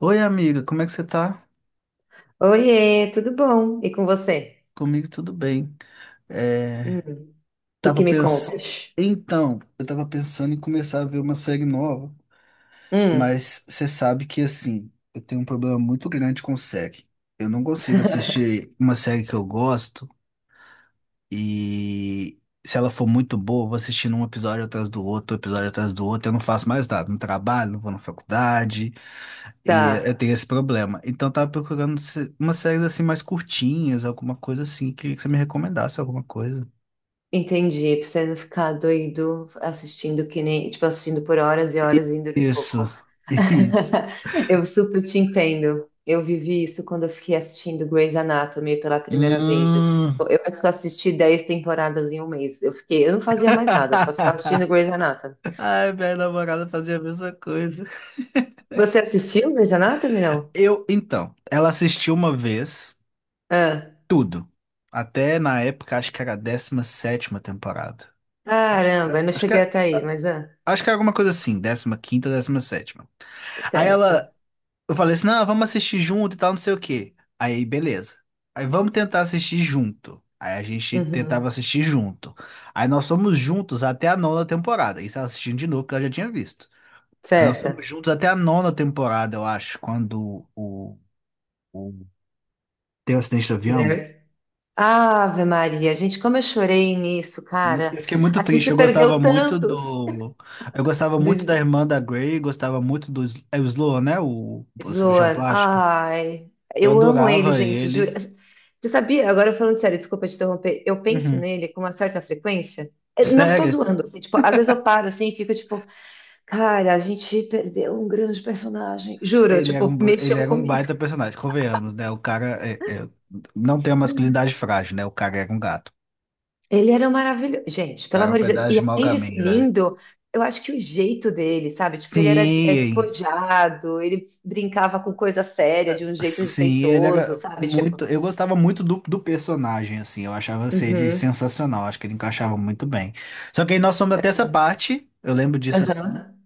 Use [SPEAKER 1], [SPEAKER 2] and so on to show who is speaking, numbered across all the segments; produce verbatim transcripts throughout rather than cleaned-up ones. [SPEAKER 1] Oi, amiga, como é que você tá?
[SPEAKER 2] Oiê, tudo bom? E com você?
[SPEAKER 1] Comigo tudo bem.
[SPEAKER 2] Hum,
[SPEAKER 1] É,
[SPEAKER 2] o que
[SPEAKER 1] tava
[SPEAKER 2] que me
[SPEAKER 1] pens...
[SPEAKER 2] contas?
[SPEAKER 1] Então, eu tava pensando em começar a ver uma série nova,
[SPEAKER 2] Hum,
[SPEAKER 1] mas você sabe que, assim, eu tenho um problema muito grande com série. Eu não consigo assistir uma série que eu gosto e se ela for muito boa, eu vou assistindo um episódio atrás do outro, um episódio atrás do outro, eu não faço mais nada. Não trabalho, não vou na faculdade. E eu
[SPEAKER 2] tá,
[SPEAKER 1] tenho esse problema. Então, eu tava procurando se- umas séries assim mais curtinhas, alguma coisa assim. Queria que você me recomendasse alguma coisa.
[SPEAKER 2] entendi. Pra você não ficar doido assistindo que nem, tipo, assistindo por horas e horas e dormir
[SPEAKER 1] Isso.
[SPEAKER 2] pouco.
[SPEAKER 1] Isso.
[SPEAKER 2] Eu super te entendo. Eu vivi isso quando eu fiquei assistindo Grey's Anatomy pela primeira vez. Eu fiquei,
[SPEAKER 1] Hum.
[SPEAKER 2] tipo, eu assisti dez temporadas em um mês. Eu fiquei, eu não fazia mais nada, só ficava assistindo Grey's Anatomy.
[SPEAKER 1] Ai, minha namorada fazia a mesma coisa.
[SPEAKER 2] Você assistiu Grey's Anatomy, não?
[SPEAKER 1] Eu, então, ela assistiu uma vez
[SPEAKER 2] Ah,
[SPEAKER 1] tudo. Até na época, acho que era a décima sétima temporada. Acho,
[SPEAKER 2] caramba,
[SPEAKER 1] a-
[SPEAKER 2] eu não
[SPEAKER 1] acho que,
[SPEAKER 2] cheguei
[SPEAKER 1] era-
[SPEAKER 2] até aí,
[SPEAKER 1] a-
[SPEAKER 2] mas, ah.
[SPEAKER 1] acho que era alguma coisa assim, décima quinta, décima sétima. Aí ela.
[SPEAKER 2] Certo.
[SPEAKER 1] Eu falei assim, não, vamos assistir junto e tal, não sei o quê. Aí, beleza. Aí vamos tentar assistir junto. Aí a gente tentava
[SPEAKER 2] Uhum.
[SPEAKER 1] assistir junto. Aí nós fomos juntos até a nona temporada. Isso ela assistindo de novo, porque ela já tinha visto. Aí nós fomos
[SPEAKER 2] Certa.
[SPEAKER 1] juntos até a nona temporada, eu acho, quando o, o- tem o acidente do avião.
[SPEAKER 2] There. Ave Maria, gente, como eu chorei nisso,
[SPEAKER 1] Eu
[SPEAKER 2] cara.
[SPEAKER 1] fiquei muito
[SPEAKER 2] A
[SPEAKER 1] triste,
[SPEAKER 2] gente
[SPEAKER 1] eu gostava
[SPEAKER 2] perdeu
[SPEAKER 1] muito
[SPEAKER 2] tantos
[SPEAKER 1] do. Eu gostava
[SPEAKER 2] do
[SPEAKER 1] muito
[SPEAKER 2] S-
[SPEAKER 1] da irmã da Grey, gostava muito do Sl- é o Sloan, né? O, o cirurgião
[SPEAKER 2] Sloan.
[SPEAKER 1] plástico.
[SPEAKER 2] Ai,
[SPEAKER 1] Eu
[SPEAKER 2] eu amo ele,
[SPEAKER 1] adorava
[SPEAKER 2] gente,
[SPEAKER 1] ele.
[SPEAKER 2] juro. Você sabia? Agora falando sério, desculpa te interromper. Eu penso
[SPEAKER 1] Uhum.
[SPEAKER 2] nele com uma certa frequência. Eu não tô
[SPEAKER 1] Sério?
[SPEAKER 2] zoando, assim, tipo, às vezes eu paro assim e fico tipo, cara, a gente perdeu um grande personagem. Juro,
[SPEAKER 1] Ele era um,
[SPEAKER 2] tipo,
[SPEAKER 1] ele
[SPEAKER 2] mexeu
[SPEAKER 1] era um
[SPEAKER 2] comigo.
[SPEAKER 1] baita personagem, convenhamos, né? O cara é- é- não tem a masculinidade frágil, né? O cara era um gato.
[SPEAKER 2] Ele era maravilhoso. Gente,
[SPEAKER 1] O
[SPEAKER 2] pelo
[SPEAKER 1] cara é um
[SPEAKER 2] amor de Deus.
[SPEAKER 1] pedaço
[SPEAKER 2] E
[SPEAKER 1] de mau
[SPEAKER 2] além de ser
[SPEAKER 1] caminho, né?
[SPEAKER 2] lindo, eu acho que o jeito dele, sabe? Tipo, ele era é,
[SPEAKER 1] Sim,
[SPEAKER 2] despojado, ele brincava com coisa séria de um jeito
[SPEAKER 1] sim, ele
[SPEAKER 2] respeitoso,
[SPEAKER 1] era
[SPEAKER 2] sabe? Tipo,
[SPEAKER 1] muito. Eu gostava muito do, do personagem, assim. Eu achava assim, ele
[SPEAKER 2] uhum,
[SPEAKER 1] sensacional. Acho que ele encaixava muito bem. Só que aí nós somos até essa parte. Eu lembro disso.
[SPEAKER 2] aham.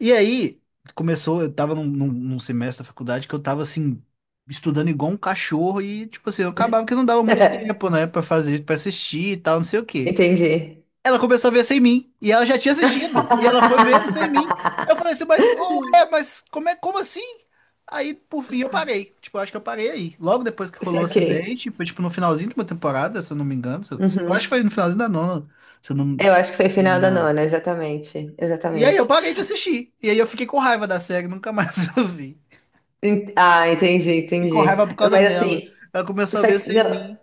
[SPEAKER 1] E aí, começou, eu tava num, num- num semestre da faculdade que eu tava assim, estudando igual um cachorro e, tipo assim, eu acabava que não dava muito tempo, né, pra fazer, pra assistir e tal, não sei o quê.
[SPEAKER 2] Entendi.
[SPEAKER 1] Ela começou a ver sem mim, e ela já tinha assistido, e ela foi vendo sem mim. Eu falei assim, mas, oh, é, mas como é, como assim? Aí, por fim, eu parei. Tipo, eu acho que eu parei aí. Logo depois que rolou o
[SPEAKER 2] Saquei.
[SPEAKER 1] acidente, foi tipo no finalzinho de uma temporada, se eu não me engano. Se Eu, eu acho
[SPEAKER 2] Uhum.
[SPEAKER 1] que foi no finalzinho da nona, se eu não.
[SPEAKER 2] Eu acho que foi final da nona, exatamente.
[SPEAKER 1] E aí eu
[SPEAKER 2] Exatamente.
[SPEAKER 1] parei de assistir. E aí eu fiquei com raiva da série, nunca mais eu vi.
[SPEAKER 2] Ent- Ah, entendi,
[SPEAKER 1] E com
[SPEAKER 2] entendi.
[SPEAKER 1] raiva por causa
[SPEAKER 2] Mas
[SPEAKER 1] dela.
[SPEAKER 2] assim,
[SPEAKER 1] Ela começou a ver
[SPEAKER 2] sa-
[SPEAKER 1] sem
[SPEAKER 2] não.
[SPEAKER 1] mim.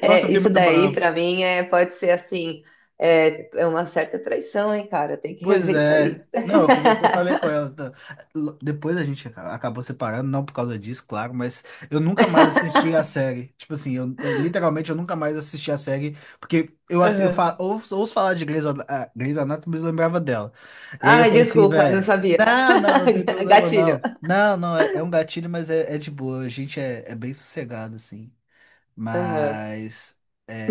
[SPEAKER 1] Nossa, eu
[SPEAKER 2] É,
[SPEAKER 1] fiquei
[SPEAKER 2] isso
[SPEAKER 1] muito
[SPEAKER 2] daí,
[SPEAKER 1] bravo.
[SPEAKER 2] pra mim, é, pode ser assim, é, é uma certa traição, hein, cara? Tem que
[SPEAKER 1] Pois
[SPEAKER 2] rever isso
[SPEAKER 1] é.
[SPEAKER 2] aí.
[SPEAKER 1] Não, eu conversei, eu falei com ela, tá? L- Depois a gente aca- acabou separando, não por causa disso, claro, mas eu nunca mais assisti a série. Tipo assim, eu, eu literalmente eu nunca mais assisti a série, porque eu, ass- eu fa-
[SPEAKER 2] Aham.
[SPEAKER 1] ouço, ouço falar de Grey's, Ana- ah, Grey's Anatomy, mas lembrava dela. E aí eu
[SPEAKER 2] Ai,
[SPEAKER 1] falei assim,
[SPEAKER 2] desculpa, não
[SPEAKER 1] velho,
[SPEAKER 2] sabia.
[SPEAKER 1] não, não, não tem problema
[SPEAKER 2] Gatilho.
[SPEAKER 1] não. Não, não, é, é um gatilho, mas é, é de boa. A gente é, é bem sossegado, assim.
[SPEAKER 2] Aham.
[SPEAKER 1] Mas.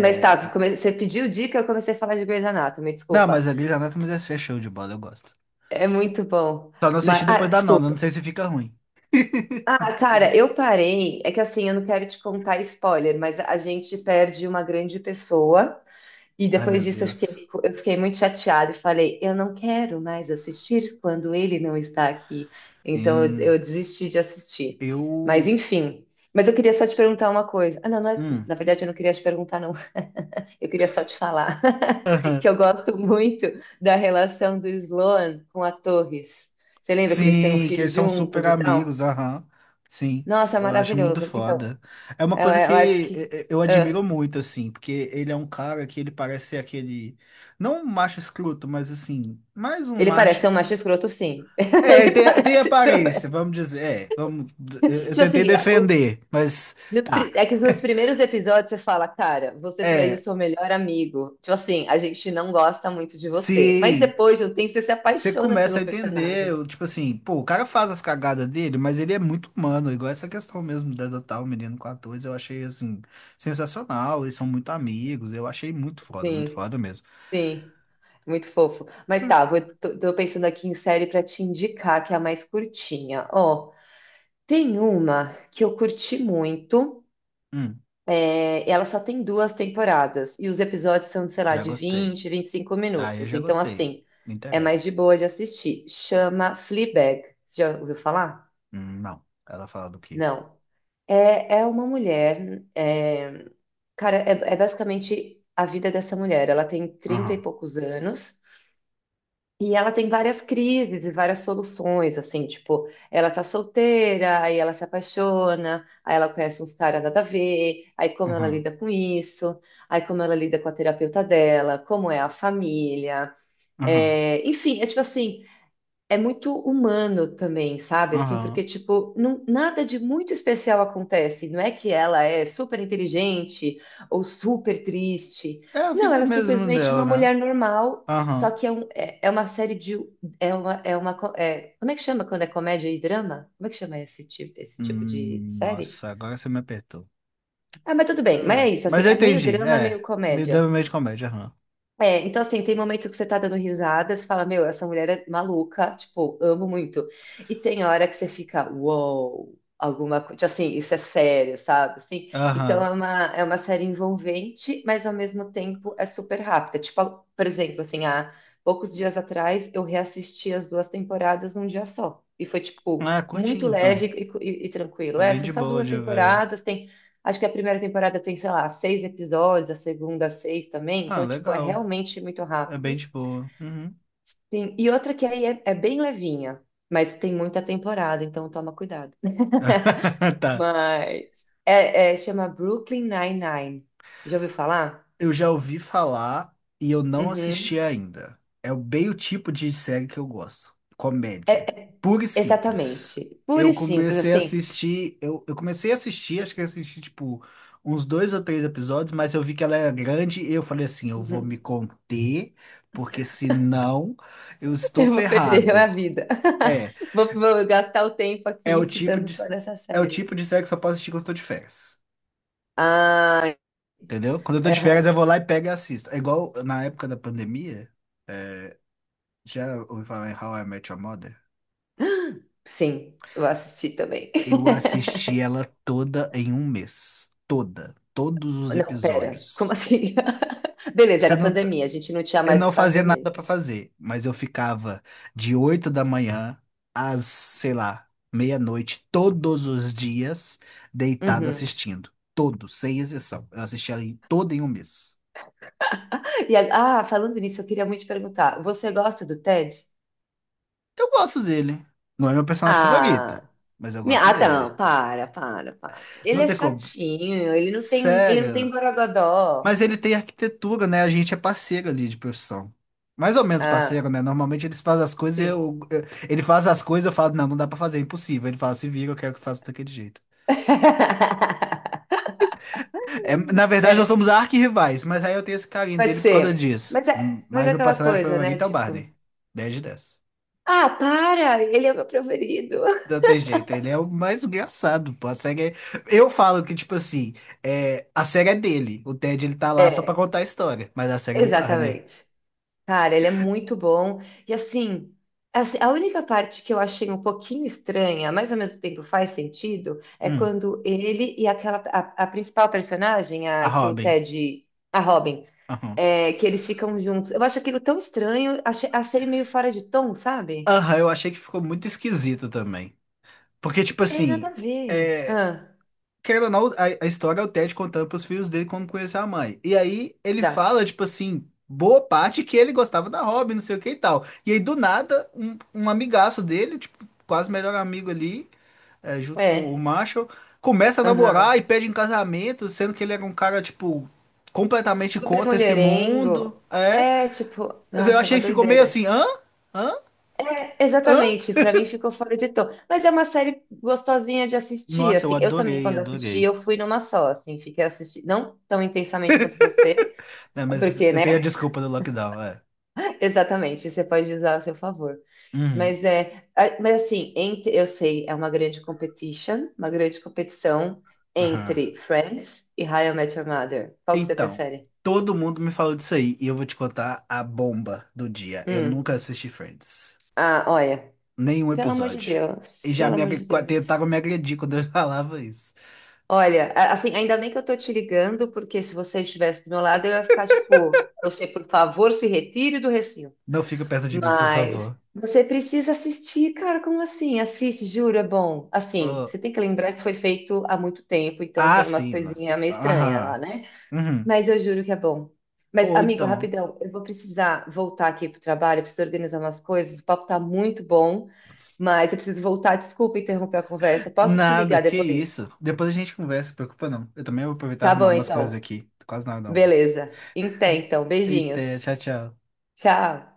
[SPEAKER 2] Mas tá, come- você pediu dica, eu comecei a falar de Grey's Anatomy,
[SPEAKER 1] Não,
[SPEAKER 2] desculpa.
[SPEAKER 1] mas a Grey's Anatomy é é show de bola, eu gosto.
[SPEAKER 2] É muito bom.
[SPEAKER 1] Só não
[SPEAKER 2] Mas,
[SPEAKER 1] assisti
[SPEAKER 2] ah,
[SPEAKER 1] depois da nona, não
[SPEAKER 2] desculpa.
[SPEAKER 1] sei se fica ruim.
[SPEAKER 2] Ah, cara, eu parei. É que assim, eu não quero te contar spoiler, mas a gente perde uma grande pessoa. E
[SPEAKER 1] Ai,
[SPEAKER 2] depois
[SPEAKER 1] meu
[SPEAKER 2] disso eu
[SPEAKER 1] Deus.
[SPEAKER 2] fiquei, eu fiquei muito chateada e falei, eu não quero mais assistir quando ele não está aqui. Então eu, des-
[SPEAKER 1] Em...
[SPEAKER 2] eu desisti de assistir. Mas
[SPEAKER 1] Eu.
[SPEAKER 2] enfim. Mas eu queria só te perguntar uma coisa. Ah, não, não é-
[SPEAKER 1] Hum.
[SPEAKER 2] na verdade eu não queria te perguntar, não. Eu queria só te falar que
[SPEAKER 1] Aham.
[SPEAKER 2] eu gosto muito da relação do Sloan com a Torres. Você lembra que eles têm um
[SPEAKER 1] Sim, que
[SPEAKER 2] filho
[SPEAKER 1] eles são super
[SPEAKER 2] juntos e tal?
[SPEAKER 1] amigos, aham. Sim,
[SPEAKER 2] Nossa, é
[SPEAKER 1] eu acho muito
[SPEAKER 2] maravilhoso. Então,
[SPEAKER 1] foda. É uma
[SPEAKER 2] eu,
[SPEAKER 1] coisa que
[SPEAKER 2] eu acho
[SPEAKER 1] e-
[SPEAKER 2] que.
[SPEAKER 1] e- eu admiro
[SPEAKER 2] Ah,
[SPEAKER 1] muito, assim, porque ele é um cara que ele parece ser aquele. Não um macho escroto, mas assim, mais um
[SPEAKER 2] ele parece
[SPEAKER 1] macho.
[SPEAKER 2] ser um macho escroto, sim.
[SPEAKER 1] É, ele
[SPEAKER 2] Ele
[SPEAKER 1] tem, tem
[SPEAKER 2] parece ser um.
[SPEAKER 1] aparência, vamos dizer. É, vamos, eu, eu
[SPEAKER 2] Tipo
[SPEAKER 1] tentei
[SPEAKER 2] assim, a- o-
[SPEAKER 1] defender, mas
[SPEAKER 2] no
[SPEAKER 1] tá.
[SPEAKER 2] pri- é que nos primeiros episódios você fala, cara, você traiu
[SPEAKER 1] É,
[SPEAKER 2] seu melhor amigo. Tipo assim, a gente não gosta muito de você. Mas
[SPEAKER 1] sim.
[SPEAKER 2] depois de um tempo você se
[SPEAKER 1] Você
[SPEAKER 2] apaixona pelo
[SPEAKER 1] começa a entender,
[SPEAKER 2] personagem.
[SPEAKER 1] o- tipo assim, pô, o cara faz as cagadas dele, mas ele é muito humano, igual essa questão mesmo de adotar o menino com quatorze, eu achei, assim, sensacional, eles são muito amigos, eu achei muito foda, muito
[SPEAKER 2] Sim,
[SPEAKER 1] foda mesmo.
[SPEAKER 2] sim. Muito fofo. Mas tá, vou, tô, tô pensando aqui em série pra te indicar, que é a mais curtinha. Ó, tem uma que eu curti muito.
[SPEAKER 1] Hum,
[SPEAKER 2] É, ela só tem duas temporadas e os episódios são, sei lá,
[SPEAKER 1] já
[SPEAKER 2] de
[SPEAKER 1] gostei.
[SPEAKER 2] vinte vinte e cinco
[SPEAKER 1] Ah, eu
[SPEAKER 2] minutos.
[SPEAKER 1] já
[SPEAKER 2] Então,
[SPEAKER 1] gostei.
[SPEAKER 2] assim,
[SPEAKER 1] Me
[SPEAKER 2] é mais
[SPEAKER 1] interessa.
[SPEAKER 2] de boa de assistir. Chama Fleabag. Você já ouviu falar?
[SPEAKER 1] Hum, não. Ela fala do quê?
[SPEAKER 2] Não. É, é uma mulher. é, cara, é, é basicamente a vida dessa mulher. Ela tem trinta e
[SPEAKER 1] Aham,
[SPEAKER 2] poucos anos e ela tem várias crises e várias soluções, assim, tipo, ela tá solteira, aí ela se apaixona, aí ela conhece uns caras nada a ver, aí como ela
[SPEAKER 1] aham,
[SPEAKER 2] lida com isso, aí como ela lida com a terapeuta dela, como é a família,
[SPEAKER 1] aham,
[SPEAKER 2] é, enfim, é tipo assim, é muito humano também, sabe? Assim,
[SPEAKER 1] aham.
[SPEAKER 2] porque, tipo, não- nada de muito especial acontece. Não é que ela é super inteligente ou super triste.
[SPEAKER 1] É a
[SPEAKER 2] Não,
[SPEAKER 1] vida
[SPEAKER 2] ela é
[SPEAKER 1] mesmo
[SPEAKER 2] simplesmente
[SPEAKER 1] dela,
[SPEAKER 2] uma
[SPEAKER 1] né?
[SPEAKER 2] mulher normal, só
[SPEAKER 1] Aham.
[SPEAKER 2] que é, um- é, é uma série de. É uma, é uma, co- é- como é que chama quando é comédia e drama? Como é que chama esse tipo, esse tipo de
[SPEAKER 1] Hum,
[SPEAKER 2] série?
[SPEAKER 1] nossa, agora você me apertou.
[SPEAKER 2] Ah, mas tudo bem, mas
[SPEAKER 1] Ah,
[SPEAKER 2] é isso, assim,
[SPEAKER 1] mas eu
[SPEAKER 2] é meio
[SPEAKER 1] entendi,
[SPEAKER 2] drama,
[SPEAKER 1] é.
[SPEAKER 2] meio
[SPEAKER 1] Me
[SPEAKER 2] comédia.
[SPEAKER 1] deu meio de comédia, aham.
[SPEAKER 2] É, então assim, tem momento que você tá dando risada, você fala, meu, essa mulher é maluca, tipo, amo muito. E tem hora que você fica, uou, alguma coisa, assim, isso é sério, sabe? Assim, então
[SPEAKER 1] Aham.
[SPEAKER 2] é uma, é uma série envolvente, mas ao mesmo tempo é super rápida. Tipo, por exemplo, assim, há poucos dias atrás eu reassisti as duas temporadas num dia só. E foi, tipo,
[SPEAKER 1] Ah, curti
[SPEAKER 2] muito leve
[SPEAKER 1] então.
[SPEAKER 2] e, e- e tranquilo.
[SPEAKER 1] É
[SPEAKER 2] É,
[SPEAKER 1] bem
[SPEAKER 2] são
[SPEAKER 1] de
[SPEAKER 2] só
[SPEAKER 1] boa
[SPEAKER 2] duas
[SPEAKER 1] de ver.
[SPEAKER 2] temporadas. Acho que a primeira temporada tem, sei lá, seis episódios, a segunda, seis também.
[SPEAKER 1] Ah,
[SPEAKER 2] Então, tipo, é
[SPEAKER 1] legal.
[SPEAKER 2] realmente muito
[SPEAKER 1] É bem
[SPEAKER 2] rápido.
[SPEAKER 1] de boa. Uhum.
[SPEAKER 2] Sim. E outra que aí é, é bem levinha, mas tem muita temporada, então toma cuidado.
[SPEAKER 1] Tá.
[SPEAKER 2] Mas é, é- chama Brooklyn Nine-Nine. Já ouviu falar?
[SPEAKER 1] Eu já ouvi falar e eu não assisti
[SPEAKER 2] Uhum.
[SPEAKER 1] ainda. É bem o tipo de série que eu gosto.
[SPEAKER 2] É,
[SPEAKER 1] Comédia.
[SPEAKER 2] é-
[SPEAKER 1] Pura e simples.
[SPEAKER 2] exatamente. Pura
[SPEAKER 1] Eu
[SPEAKER 2] e simples,
[SPEAKER 1] comecei a
[SPEAKER 2] assim.
[SPEAKER 1] assistir. Eu, eu comecei a assistir, acho que eu assisti tipo uns dois ou três episódios, mas eu vi que ela era grande e eu falei assim: eu vou me
[SPEAKER 2] Uhum.
[SPEAKER 1] conter, porque senão eu estou
[SPEAKER 2] Eu vou perder a
[SPEAKER 1] ferrado.
[SPEAKER 2] vida.
[SPEAKER 1] É.
[SPEAKER 2] Vou, vou gastar o tempo
[SPEAKER 1] É o
[SPEAKER 2] aqui
[SPEAKER 1] tipo
[SPEAKER 2] ficando
[SPEAKER 1] de,
[SPEAKER 2] só nessa
[SPEAKER 1] é o
[SPEAKER 2] série.
[SPEAKER 1] tipo de série que eu só posso assistir quando eu tô de férias.
[SPEAKER 2] Ah,
[SPEAKER 1] Entendeu? Quando eu tô de férias, eu vou
[SPEAKER 2] é,
[SPEAKER 1] lá e pego e assisto. É igual na época da pandemia, já ouvi falar em How I Met Your Mother?
[SPEAKER 2] sim, eu assisti também.
[SPEAKER 1] Eu assisti ela toda em um mês. Toda. Todos os
[SPEAKER 2] Não, pera, como
[SPEAKER 1] episódios.
[SPEAKER 2] assim? Beleza,
[SPEAKER 1] Você
[SPEAKER 2] era
[SPEAKER 1] não, t-
[SPEAKER 2] pandemia, a gente não tinha
[SPEAKER 1] Eu
[SPEAKER 2] mais o
[SPEAKER 1] não
[SPEAKER 2] que
[SPEAKER 1] fazia
[SPEAKER 2] fazer
[SPEAKER 1] nada
[SPEAKER 2] mesmo.
[SPEAKER 1] pra fazer, mas eu ficava de oito da manhã às, sei lá, meia-noite, todos os dias, deitado
[SPEAKER 2] Uhum.
[SPEAKER 1] assistindo. Todos, sem exceção. Eu assisti ela em- toda em um mês.
[SPEAKER 2] E, a- ah, falando nisso, eu queria muito te perguntar, você gosta do Ted?
[SPEAKER 1] Eu gosto dele. Não é meu personagem favorito,
[SPEAKER 2] Ah,
[SPEAKER 1] mas eu
[SPEAKER 2] me-
[SPEAKER 1] gosto
[SPEAKER 2] ah,
[SPEAKER 1] dele.
[SPEAKER 2] não, para, para, para. Ele
[SPEAKER 1] Não
[SPEAKER 2] é
[SPEAKER 1] tem como.
[SPEAKER 2] chatinho, ele não tem, ele não tem
[SPEAKER 1] Sério.
[SPEAKER 2] borogodó.
[SPEAKER 1] Mas ele tem arquitetura, né? A gente é parceiro ali de profissão. Mais ou menos
[SPEAKER 2] Ah,
[SPEAKER 1] parceiro, né? Normalmente eles fazem as coisas, e
[SPEAKER 2] sim.
[SPEAKER 1] eu, eu- ele faz as coisas, eu falo, não, não dá pra fazer, é impossível. Ele fala, se vira, eu quero que faça daquele jeito. É, na verdade, nós
[SPEAKER 2] É,
[SPEAKER 1] somos arquirrivais, mas aí eu tenho esse carinho
[SPEAKER 2] pode
[SPEAKER 1] dele por causa
[SPEAKER 2] ser.
[SPEAKER 1] disso.
[SPEAKER 2] Mas
[SPEAKER 1] Hum,
[SPEAKER 2] é, mas
[SPEAKER 1] Mas
[SPEAKER 2] é
[SPEAKER 1] meu
[SPEAKER 2] aquela
[SPEAKER 1] personagem
[SPEAKER 2] coisa, né?
[SPEAKER 1] favorito é o
[SPEAKER 2] Tipo,
[SPEAKER 1] Barney. Dez de dez.
[SPEAKER 2] ah, para, ele é o meu preferido.
[SPEAKER 1] Não tem jeito, ele é o mais engraçado, pô. A série é... Eu falo que, tipo assim, é... a série é dele. O Ted, ele tá lá só pra
[SPEAKER 2] É,
[SPEAKER 1] contar a história. Mas a série é do Barney.
[SPEAKER 2] exatamente. Cara, ele é muito bom. E assim, assim, a única parte que eu achei um pouquinho estranha, mas ao mesmo tempo faz sentido, é
[SPEAKER 1] Hum.
[SPEAKER 2] quando ele e aquela a, a principal personagem,
[SPEAKER 1] A
[SPEAKER 2] a que o
[SPEAKER 1] Robin.
[SPEAKER 2] Ted, a Robin,
[SPEAKER 1] Aham.
[SPEAKER 2] é, que eles ficam juntos. Eu acho aquilo tão estranho, achei, achei meio fora de tom, sabe?
[SPEAKER 1] Aham, eu achei que ficou muito esquisito também. Porque, tipo
[SPEAKER 2] É nada a
[SPEAKER 1] assim,
[SPEAKER 2] ver. Ah,
[SPEAKER 1] querendo ou não, a, a história é o Ted contando pros filhos dele como conheceu a mãe. E aí, ele
[SPEAKER 2] exato.
[SPEAKER 1] fala, tipo assim, boa parte que ele gostava da Robin, não sei o que e tal. E aí, do nada, um, um amigaço dele, tipo, quase melhor amigo ali é, junto com o
[SPEAKER 2] É.
[SPEAKER 1] Marshall, começa a
[SPEAKER 2] Aham.
[SPEAKER 1] namorar e pede em casamento, sendo que ele era um cara, tipo, completamente
[SPEAKER 2] Super
[SPEAKER 1] contra esse mundo.
[SPEAKER 2] mulherengo.
[SPEAKER 1] É.
[SPEAKER 2] É tipo,
[SPEAKER 1] Eu
[SPEAKER 2] nossa, é uma
[SPEAKER 1] achei que ficou meio assim,
[SPEAKER 2] doideira.
[SPEAKER 1] hã? Hã? Hã?
[SPEAKER 2] Exatamente, pra mim ficou fora de tom. Mas é uma série gostosinha de assistir,
[SPEAKER 1] Nossa, eu
[SPEAKER 2] assim. Eu também,
[SPEAKER 1] adorei,
[SPEAKER 2] quando assisti,
[SPEAKER 1] adorei.
[SPEAKER 2] eu fui numa só, assim, fiquei assistindo, não tão intensamente quanto você,
[SPEAKER 1] Né, mas
[SPEAKER 2] porque,
[SPEAKER 1] eu tenho a
[SPEAKER 2] né?
[SPEAKER 1] desculpa do lockdown, é.
[SPEAKER 2] Exatamente, você pode usar a seu favor.
[SPEAKER 1] Uhum.
[SPEAKER 2] Mas é, a- mas assim, entre, eu sei, é uma grande competition, uma grande competição
[SPEAKER 1] Aham.
[SPEAKER 2] entre Friends e How I Met Your Mother. Qual que você
[SPEAKER 1] Então,
[SPEAKER 2] prefere?
[SPEAKER 1] todo mundo me falou disso aí, e eu vou te contar a bomba do dia. Eu
[SPEAKER 2] Hum.
[SPEAKER 1] nunca assisti Friends.
[SPEAKER 2] Ah, olha,
[SPEAKER 1] Nenhum
[SPEAKER 2] pelo amor de
[SPEAKER 1] episódio.
[SPEAKER 2] Deus,
[SPEAKER 1] E já
[SPEAKER 2] pelo
[SPEAKER 1] me
[SPEAKER 2] amor
[SPEAKER 1] agre-
[SPEAKER 2] de
[SPEAKER 1] tentaram
[SPEAKER 2] Deus.
[SPEAKER 1] me agredir quando eu falava isso.
[SPEAKER 2] Olha, a- assim, ainda bem que eu tô te ligando, porque se você estivesse do meu lado, eu ia ficar tipo, você, por favor, se retire do recinto.
[SPEAKER 1] Não fica perto de mim, por favor.
[SPEAKER 2] Mas você precisa assistir, cara, como assim? Assiste, juro, é bom. Assim, você tem que lembrar que foi feito há muito tempo, então
[SPEAKER 1] Ah,
[SPEAKER 2] tem umas
[SPEAKER 1] sim. na-
[SPEAKER 2] coisinhas meio estranhas
[SPEAKER 1] Aham.
[SPEAKER 2] lá, né?
[SPEAKER 1] Uhum.
[SPEAKER 2] Mas eu juro que é bom. Mas,
[SPEAKER 1] Ou
[SPEAKER 2] amigo,
[SPEAKER 1] então.
[SPEAKER 2] rapidão, eu vou precisar voltar aqui pro trabalho, eu preciso organizar umas coisas, o papo tá muito bom, mas eu preciso voltar, desculpa interromper a conversa. Posso te
[SPEAKER 1] Nada,
[SPEAKER 2] ligar
[SPEAKER 1] que
[SPEAKER 2] depois?
[SPEAKER 1] isso. Depois a gente conversa, se preocupa não. Eu também vou aproveitar e
[SPEAKER 2] Tá
[SPEAKER 1] arrumar
[SPEAKER 2] bom,
[SPEAKER 1] umas coisas
[SPEAKER 2] então.
[SPEAKER 1] aqui. Tô quase na hora do almoço.
[SPEAKER 2] Beleza. então, então,
[SPEAKER 1] Eita,
[SPEAKER 2] beijinhos.
[SPEAKER 1] tchau, tchau.
[SPEAKER 2] Tchau.